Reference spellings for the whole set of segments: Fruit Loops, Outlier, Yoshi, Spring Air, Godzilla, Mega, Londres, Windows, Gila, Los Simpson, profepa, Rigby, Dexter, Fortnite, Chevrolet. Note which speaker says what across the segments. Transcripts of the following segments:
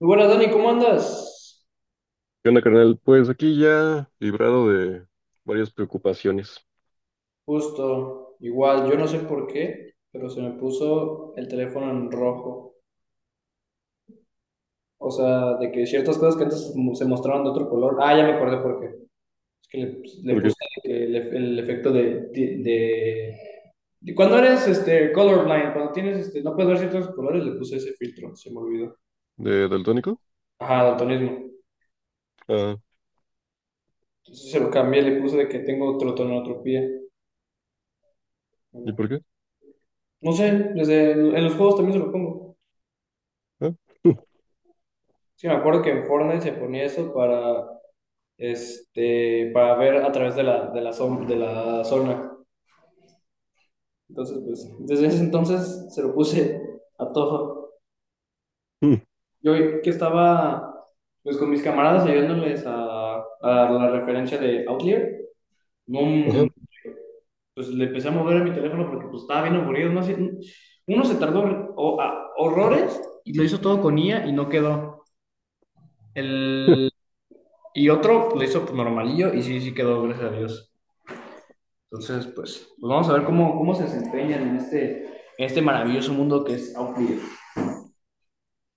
Speaker 1: Muy buenas, Dani, ¿cómo andas?
Speaker 2: ¿Qué onda, carnal? Pues aquí ya librado de varias preocupaciones.
Speaker 1: Justo, igual, yo no sé por qué, pero se me puso el teléfono en rojo. O sea, de que ciertas cosas que antes se mostraban de otro color. Ah, ya me acordé por qué. Es que le
Speaker 2: ¿Por qué?
Speaker 1: puse que el efecto de, de- Cuando eres colorblind, cuando tienes no puedes ver ciertos colores, le puse ese filtro, se me olvidó.
Speaker 2: ¿De daltónico?
Speaker 1: Ajá, daltonismo.
Speaker 2: Ah,
Speaker 1: Entonces se lo cambié, le puse de que tengo trotonotropía.
Speaker 2: ¿y por qué?
Speaker 1: No sé, desde en los juegos también se lo pongo.
Speaker 2: Ah,
Speaker 1: Sí, me acuerdo que en Fortnite se ponía eso para, para ver a través de la zona. Entonces, pues, desde ese entonces se lo puse a todo.
Speaker 2: mm,
Speaker 1: Yo que estaba, pues, con mis camaradas ayudándoles a la referencia de Outlier, no,
Speaker 2: ajá.
Speaker 1: pues, le empecé a mover a mi teléfono porque, pues, estaba bien aburrido. No sé, uno se tardó horrores y lo hizo todo con IA y no quedó. El, y otro lo hizo normalillo y sí, sí quedó, gracias a Dios. Entonces, pues vamos a ver cómo se desempeñan en este maravilloso mundo que es Outlier.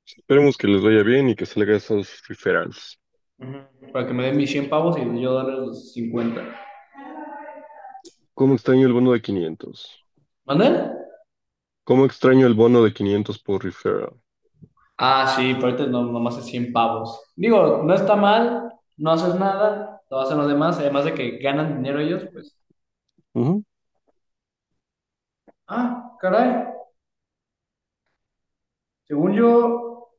Speaker 2: Esperemos que les vaya bien y que salga esos referrals.
Speaker 1: Uh-huh. Para que me den mis 100 pavos y yo darles los 50.
Speaker 2: ¿Cómo extraño el bono de 500?
Speaker 1: ¿Mande?
Speaker 2: ¿Cómo extraño el bono de 500 por referral?
Speaker 1: Ah, sí, pero ahorita no, nomás es 100 pavos. Digo, no está mal, no haces nada, lo hacen los demás, además de que ganan dinero ellos, pues.
Speaker 2: Ujú.
Speaker 1: Ah, caray. Según yo.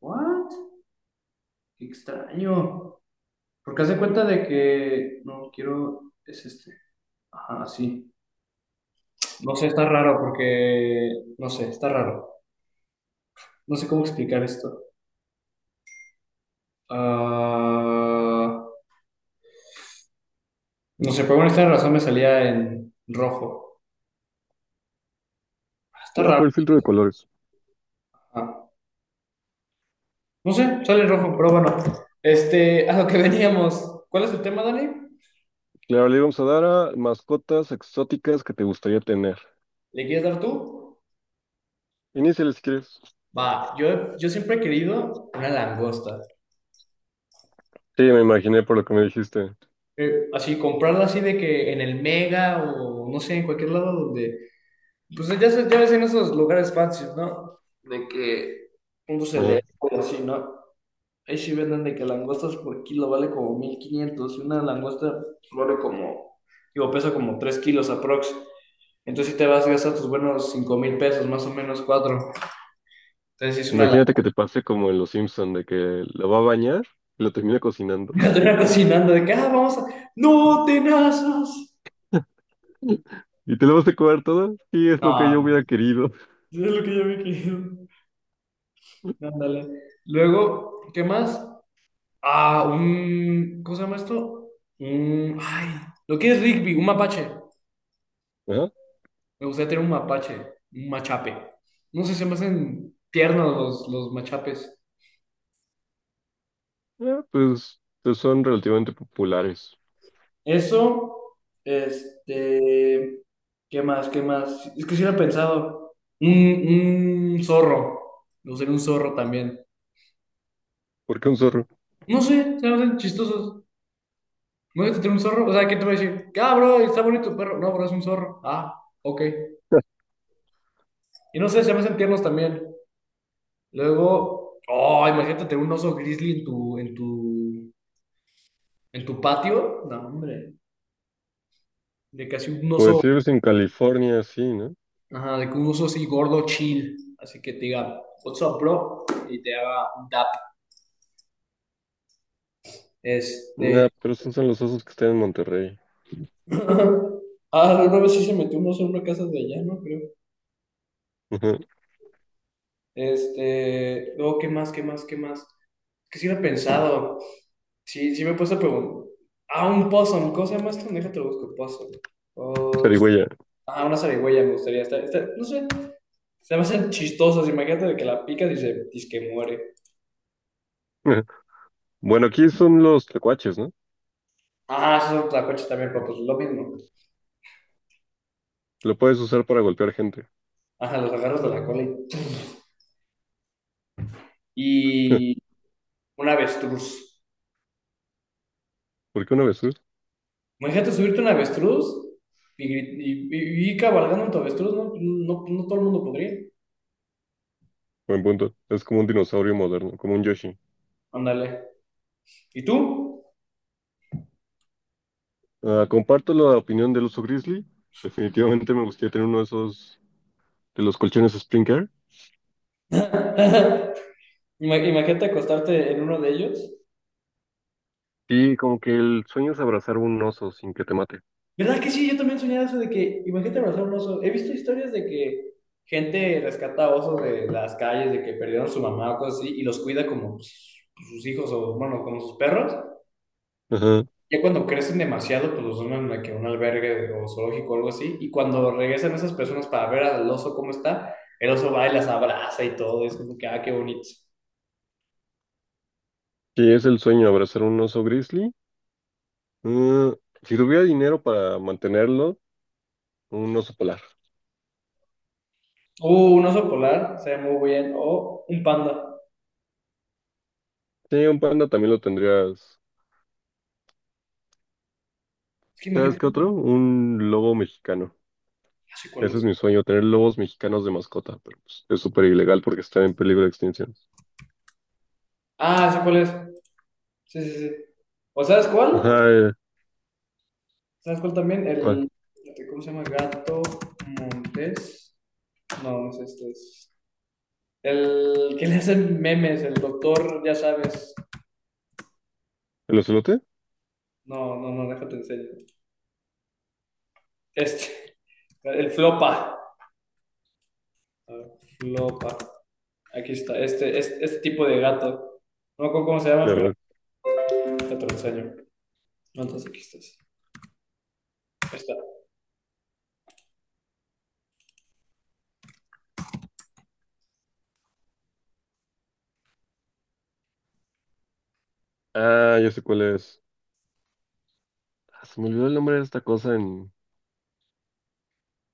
Speaker 1: ¿What? Qué extraño. Porque hace cuenta de que. No, quiero. Es este. Ajá, sí. No sé, está raro porque. No sé, está raro. No sé cómo explicar esto. Ah, no sé, por una razón me salía en rojo. Está
Speaker 2: Ya
Speaker 1: raro.
Speaker 2: por el filtro de colores.
Speaker 1: Ah, no sé, sale en rojo, pero bueno. A lo que veníamos. ¿Cuál es el tema, Dani?
Speaker 2: Claro, le vamos a dar a mascotas exóticas que te gustaría tener.
Speaker 1: ¿Le quieres dar tú?
Speaker 2: Iniciales si quieres.
Speaker 1: Va, yo siempre he querido una langosta.
Speaker 2: Sí, me imaginé por lo que me dijiste.
Speaker 1: Así, comprarla así de que en el Mega o no sé, en cualquier lado donde. Pues ya, ya ves en esos lugares fancy, ¿no? De que. Uno se le
Speaker 2: Ajá.
Speaker 1: así, ¿no? Ahí sí venden de que langostas por kilo vale como 1500 y una langosta vale como, digo, pesa como 3 kilos aprox. Entonces si te vas a gastar tus buenos 5000 pesos, más o menos cuatro. Entonces sí es una...
Speaker 2: Imagínate que te pase como en Los Simpson, de que lo va a bañar y lo termina cocinando.
Speaker 1: Mira, te una cocinando de que, ah, vamos a... ¡No, tenazas!
Speaker 2: ¿Y te lo vas a comer todo? Sí, es lo que
Speaker 1: No,
Speaker 2: yo
Speaker 1: no.
Speaker 2: hubiera querido.
Speaker 1: Es lo que yo me quiero. Ándale. Luego, ¿qué más? Ah, un... ¿Cómo se llama esto? Un... Ay, lo que es Rigby, un mapache.
Speaker 2: Ajá.
Speaker 1: Me gustaría tener un mapache, un machape. No sé, se me hacen tiernos los machapes.
Speaker 2: Ah, pues, pues son relativamente populares.
Speaker 1: Eso, este, ¿qué más? ¿Qué más? Es que si lo he pensado. Un zorro. Me gustaría un zorro también.
Speaker 2: ¿Por qué un zorro?
Speaker 1: No sé, se me hacen chistosos. ¿Me gusta tener un zorro? O sea, ¿quién te va a decir? Ah, bro, está bonito tu perro. No, bro, es un zorro. Ah, ok. Y no sé, se me hacen tiernos también. Luego, oh, imagínate tener un oso grizzly en tu patio. No, hombre. De que así un
Speaker 2: Pues
Speaker 1: oso,
Speaker 2: si vives en California, sí, ¿no?
Speaker 1: ajá, de que un oso así gordo chill, así que te diga, what's up, bro, y te haga un dap. Este,
Speaker 2: Nah, pero esos son los osos que están en Monterrey.
Speaker 1: ah, una vez sí se metió un oso en una casa de allá, ¿no? Creo.
Speaker 2: Ajá,
Speaker 1: Luego, ¿qué más, qué más, qué más? Que sí lo he pensado, sí, sí me he puesto a preguntar. Ah, un possum, ¿cómo se llama esto? Déjate lo busco, possum. Pos-
Speaker 2: zarigüeya.
Speaker 1: Ah, una zarigüeya me gustaría estar, no sé, se me hacen chistosas, imagínate de que la picas y se, dice que muere.
Speaker 2: Ajá. Bueno, aquí son los tlacuaches, ¿no?
Speaker 1: Ah, esos son tlacuaches también, pero pues lo mismo.
Speaker 2: Lo puedes usar para golpear gente.
Speaker 1: Ajá, los agarras de la cola y... ¡tum!
Speaker 2: Ajá.
Speaker 1: Y un avestruz.
Speaker 2: ¿Por qué una avestruz?
Speaker 1: Imagínate subirte a un avestruz y, y cabalgando en tu avestruz, ¿no? No, no todo el mundo podría.
Speaker 2: Buen punto. Es como un dinosaurio moderno, como un Yoshi.
Speaker 1: Ándale. ¿Y tú?
Speaker 2: Ah, comparto la opinión del oso grizzly. Definitivamente me gustaría tener uno de esos, de los colchones Spring Air.
Speaker 1: Ima- Imagínate acostarte en uno de ellos.
Speaker 2: Sí, como que el sueño es abrazar un oso sin que te mate.
Speaker 1: ¿Verdad que sí? Yo también soñaba eso de que, imagínate abrazar un oso. He visto historias de que gente rescata osos de las calles, de que perdieron su mamá o cosas así, y los cuida como sus hijos o, bueno, como sus perros.
Speaker 2: Ajá.
Speaker 1: Ya cuando crecen demasiado, pues los donan a que un albergue o zoológico o algo así. Y cuando regresan esas personas para ver al oso cómo está, el oso va y las abraza y todo. Es como que, ah, qué bonito.
Speaker 2: Sí, es el sueño, abrazar un oso grizzly. Ah, si tuviera dinero para mantenerlo, un oso polar.
Speaker 1: Un oso polar, se ve muy bien. O un panda.
Speaker 2: Sí, un panda también lo tendrías.
Speaker 1: Es que
Speaker 2: ¿Sabes
Speaker 1: imagínate,
Speaker 2: qué otro? Un lobo mexicano.
Speaker 1: ah, sé cuál
Speaker 2: Ese es
Speaker 1: es.
Speaker 2: mi sueño, tener lobos mexicanos de mascota, pero pues, es súper ilegal porque está en peligro de extinción.
Speaker 1: Ah, sé cuál es. Sí, sí, sí. ¿O sabes cuál?
Speaker 2: Ajá,
Speaker 1: ¿Sabes cuál también?
Speaker 2: ¿cuál?
Speaker 1: El, ¿cómo se llama? Gato Montés. No, no es este. Es el que le hacen memes, el doctor, ya sabes.
Speaker 2: ¿El ocelote?
Speaker 1: No, no, no, déjate en serio. Este, el flopa. Flopa. Aquí está, este tipo de gato. No me acuerdo cómo se
Speaker 2: A
Speaker 1: llama, pero
Speaker 2: ver.
Speaker 1: ahorita te lo enseño. No, entonces aquí está. Sí. Ahí está.
Speaker 2: Ah, ya sé cuál es. Ah, se me olvidó el nombre de esta cosa en...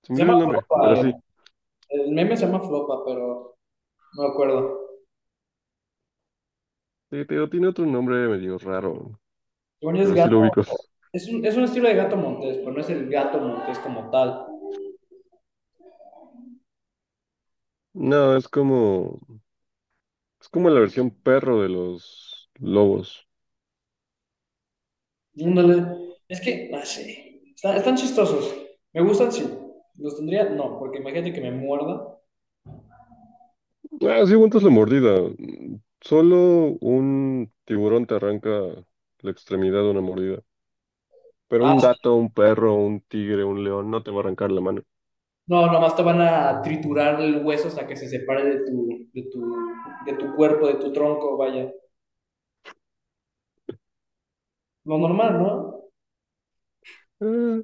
Speaker 2: Se me
Speaker 1: Se
Speaker 2: olvidó
Speaker 1: llama
Speaker 2: el nombre, pero
Speaker 1: flopa. El,
Speaker 2: sí.
Speaker 1: el meme se llama flopa, pero no me acuerdo.
Speaker 2: Sí, te digo, tiene otro nombre medio raro,
Speaker 1: Es
Speaker 2: pero sí
Speaker 1: gato.
Speaker 2: lo ubico.
Speaker 1: Es un estilo de gato montés, pero no es el gato montés como tal.
Speaker 2: No, es como... Es como la versión perro de los lobos.
Speaker 1: No. Es que, no sé. Están chistosos. Me gustan, sí. ¿Los tendría? No, porque imagínate que me muerda.
Speaker 2: Ah, sí, aguantas la mordida. Mm, solo un tiburón te arranca la extremidad de una mordida. Pero un
Speaker 1: Ah,
Speaker 2: gato, un perro, un tigre, un león no te va a arrancar la mano.
Speaker 1: no, nomás te van a triturar el hueso hasta que se separe de tu, de tu, de tu cuerpo, de tu tronco, vaya. Lo normal, ¿no?
Speaker 2: Ah,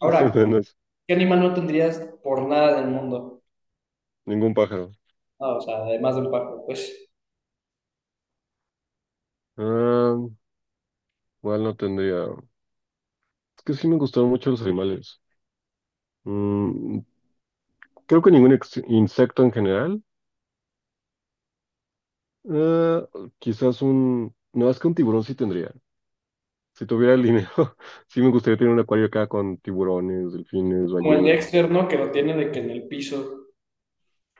Speaker 2: más o
Speaker 1: Ahora,
Speaker 2: menos.
Speaker 1: ¿qué animal no tendrías por nada del mundo?
Speaker 2: Ningún pájaro.
Speaker 1: Ah, o sea, además del pájaro, pues.
Speaker 2: Ah, igual no tendría. Es que sí me gustaron mucho los animales. Mm, Creo que ningún insecto en general. Eh, quizás un... No, es que un tiburón sí tendría. Si tuviera el dinero, sí me gustaría tener un acuario acá con tiburones, delfines,
Speaker 1: Como el
Speaker 2: ballenas.
Speaker 1: Dexter, ¿no? Que lo tiene de que en el piso.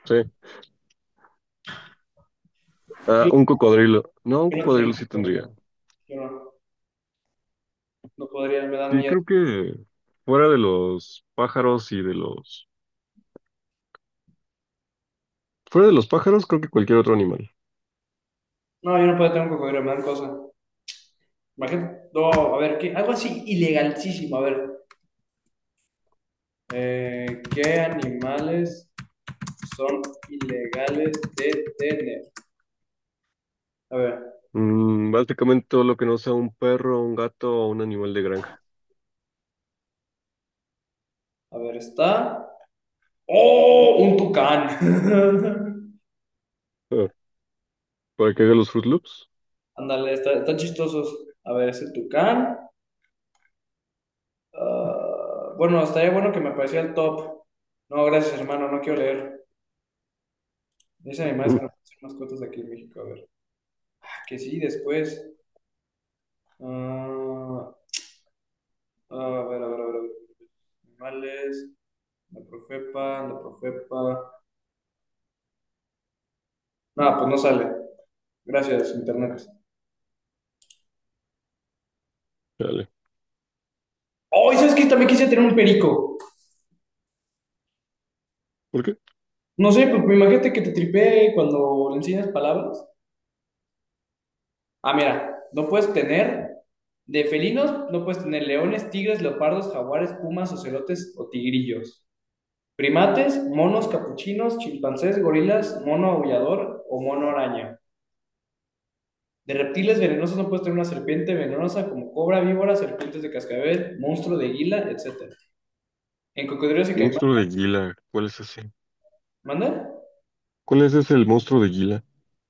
Speaker 2: Sí. Ah,
Speaker 1: Yo
Speaker 2: un cocodrilo. No, un
Speaker 1: no tener un
Speaker 2: cocodrilo sí tendría.
Speaker 1: cocodrilo. Yo no, no podría, me dan
Speaker 2: Sí,
Speaker 1: miedo.
Speaker 2: creo que fuera de los pájaros y de los... Fuera de los pájaros, creo que cualquier otro animal.
Speaker 1: No, yo no puedo tener un cocodrilo, me dan cosa. Imagínate, no, a ver, ¿qué? Algo así ilegalísimo, a ver. ¿Qué animales son ilegales de tener? A ver,
Speaker 2: Mm, básicamente todo lo que no sea un perro, un gato o un animal de granja.
Speaker 1: a ver, está. ¡Oh! Un tucán.
Speaker 2: Ah, ¿para que haga los Fruit Loops?
Speaker 1: Ándale, están está chistosos. A ver, ese tucán. Ah, bueno, estaría bueno que me apareciera el top. No, gracias, hermano, no quiero leer. Dice animales
Speaker 2: Mm,
Speaker 1: que no pueden ser mascotas aquí en México. A ver, ah, que sí, después. Ah, ah, a ver, a ver, a ver. Animales, la profepa. Nada, pues no sale. Gracias, internet.
Speaker 2: dale.
Speaker 1: Oh, ¿y sabes que también quise tener un perico?
Speaker 2: ¿Por qué?
Speaker 1: No sé, pues imagínate que te tripee cuando le enseñas palabras. Ah, mira, no puedes tener de felinos, no puedes tener leones, tigres, leopardos, jaguares, pumas, ocelotes o tigrillos. Primates, monos, capuchinos, chimpancés, gorilas, mono aullador o mono araña. De reptiles venenosos no puedes tener una serpiente venenosa como cobra, víbora, serpientes de cascabel, monstruo de guila, etcétera. En cocodrilos y caimanes,
Speaker 2: Monstruo de Gila, ¿cuál es ese?
Speaker 1: ¿manda?
Speaker 2: ¿Cuál es ese el monstruo de Gila?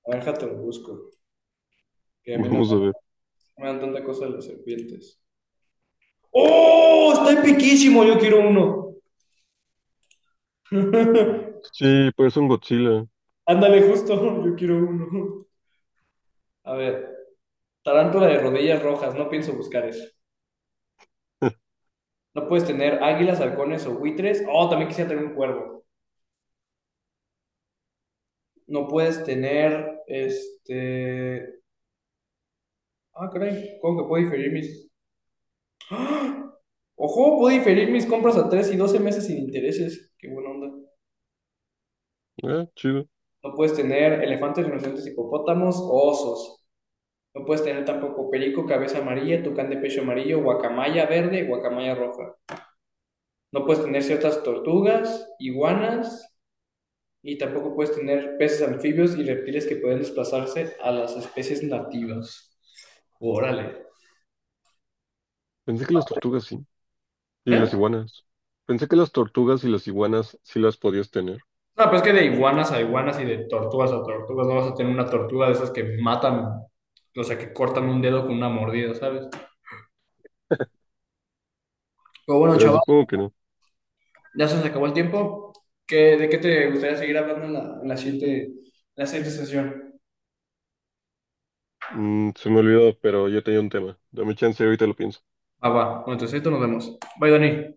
Speaker 1: A ver, jato, lo busco. Que a mí no.
Speaker 2: Vamos a ver.
Speaker 1: Me dan tanta cosa de las serpientes. ¡Oh! Está epiquísimo, yo quiero uno.
Speaker 2: Sí, parece un Godzilla.
Speaker 1: Ándale, justo, yo quiero uno. A ver, tarántula de rodillas rojas, no pienso buscar eso. No puedes tener águilas, halcones o buitres. Oh, también quisiera tener un cuervo. No puedes tener, este... Ah, caray, ¿cómo que puedo diferir mis... Ojo, puedo diferir mis compras a 3 y 12 meses sin intereses. Qué buena onda.
Speaker 2: Ah, chido.
Speaker 1: No puedes tener elefantes, rinocerontes, hipopótamos o osos. No puedes tener tampoco perico, cabeza amarilla, tucán de pecho amarillo, guacamaya verde, guacamaya roja. No puedes tener ciertas tortugas, iguanas, y tampoco puedes tener peces anfibios y reptiles que pueden desplazarse a las especies nativas. Órale.
Speaker 2: Pensé que las tortugas sí. Y las
Speaker 1: ¿Eh?
Speaker 2: iguanas. Pensé que las tortugas y las iguanas sí las podías tener.
Speaker 1: No, pero es que de iguanas a iguanas y de tortugas a tortugas, no vas a tener una tortuga de esas que matan, o sea, que cortan un dedo con una mordida, ¿sabes? Pero bueno, chaval,
Speaker 2: Supongo que no.
Speaker 1: ya se nos acabó el tiempo. ¿Qué, de qué te gustaría seguir hablando en la, en la siguiente sesión?
Speaker 2: Mm, se me olvidó, pero ya tenía un tema. Dame chance, ahorita lo pienso.
Speaker 1: Ah, va. Bueno, entonces esto nos vemos. Bye, Dani.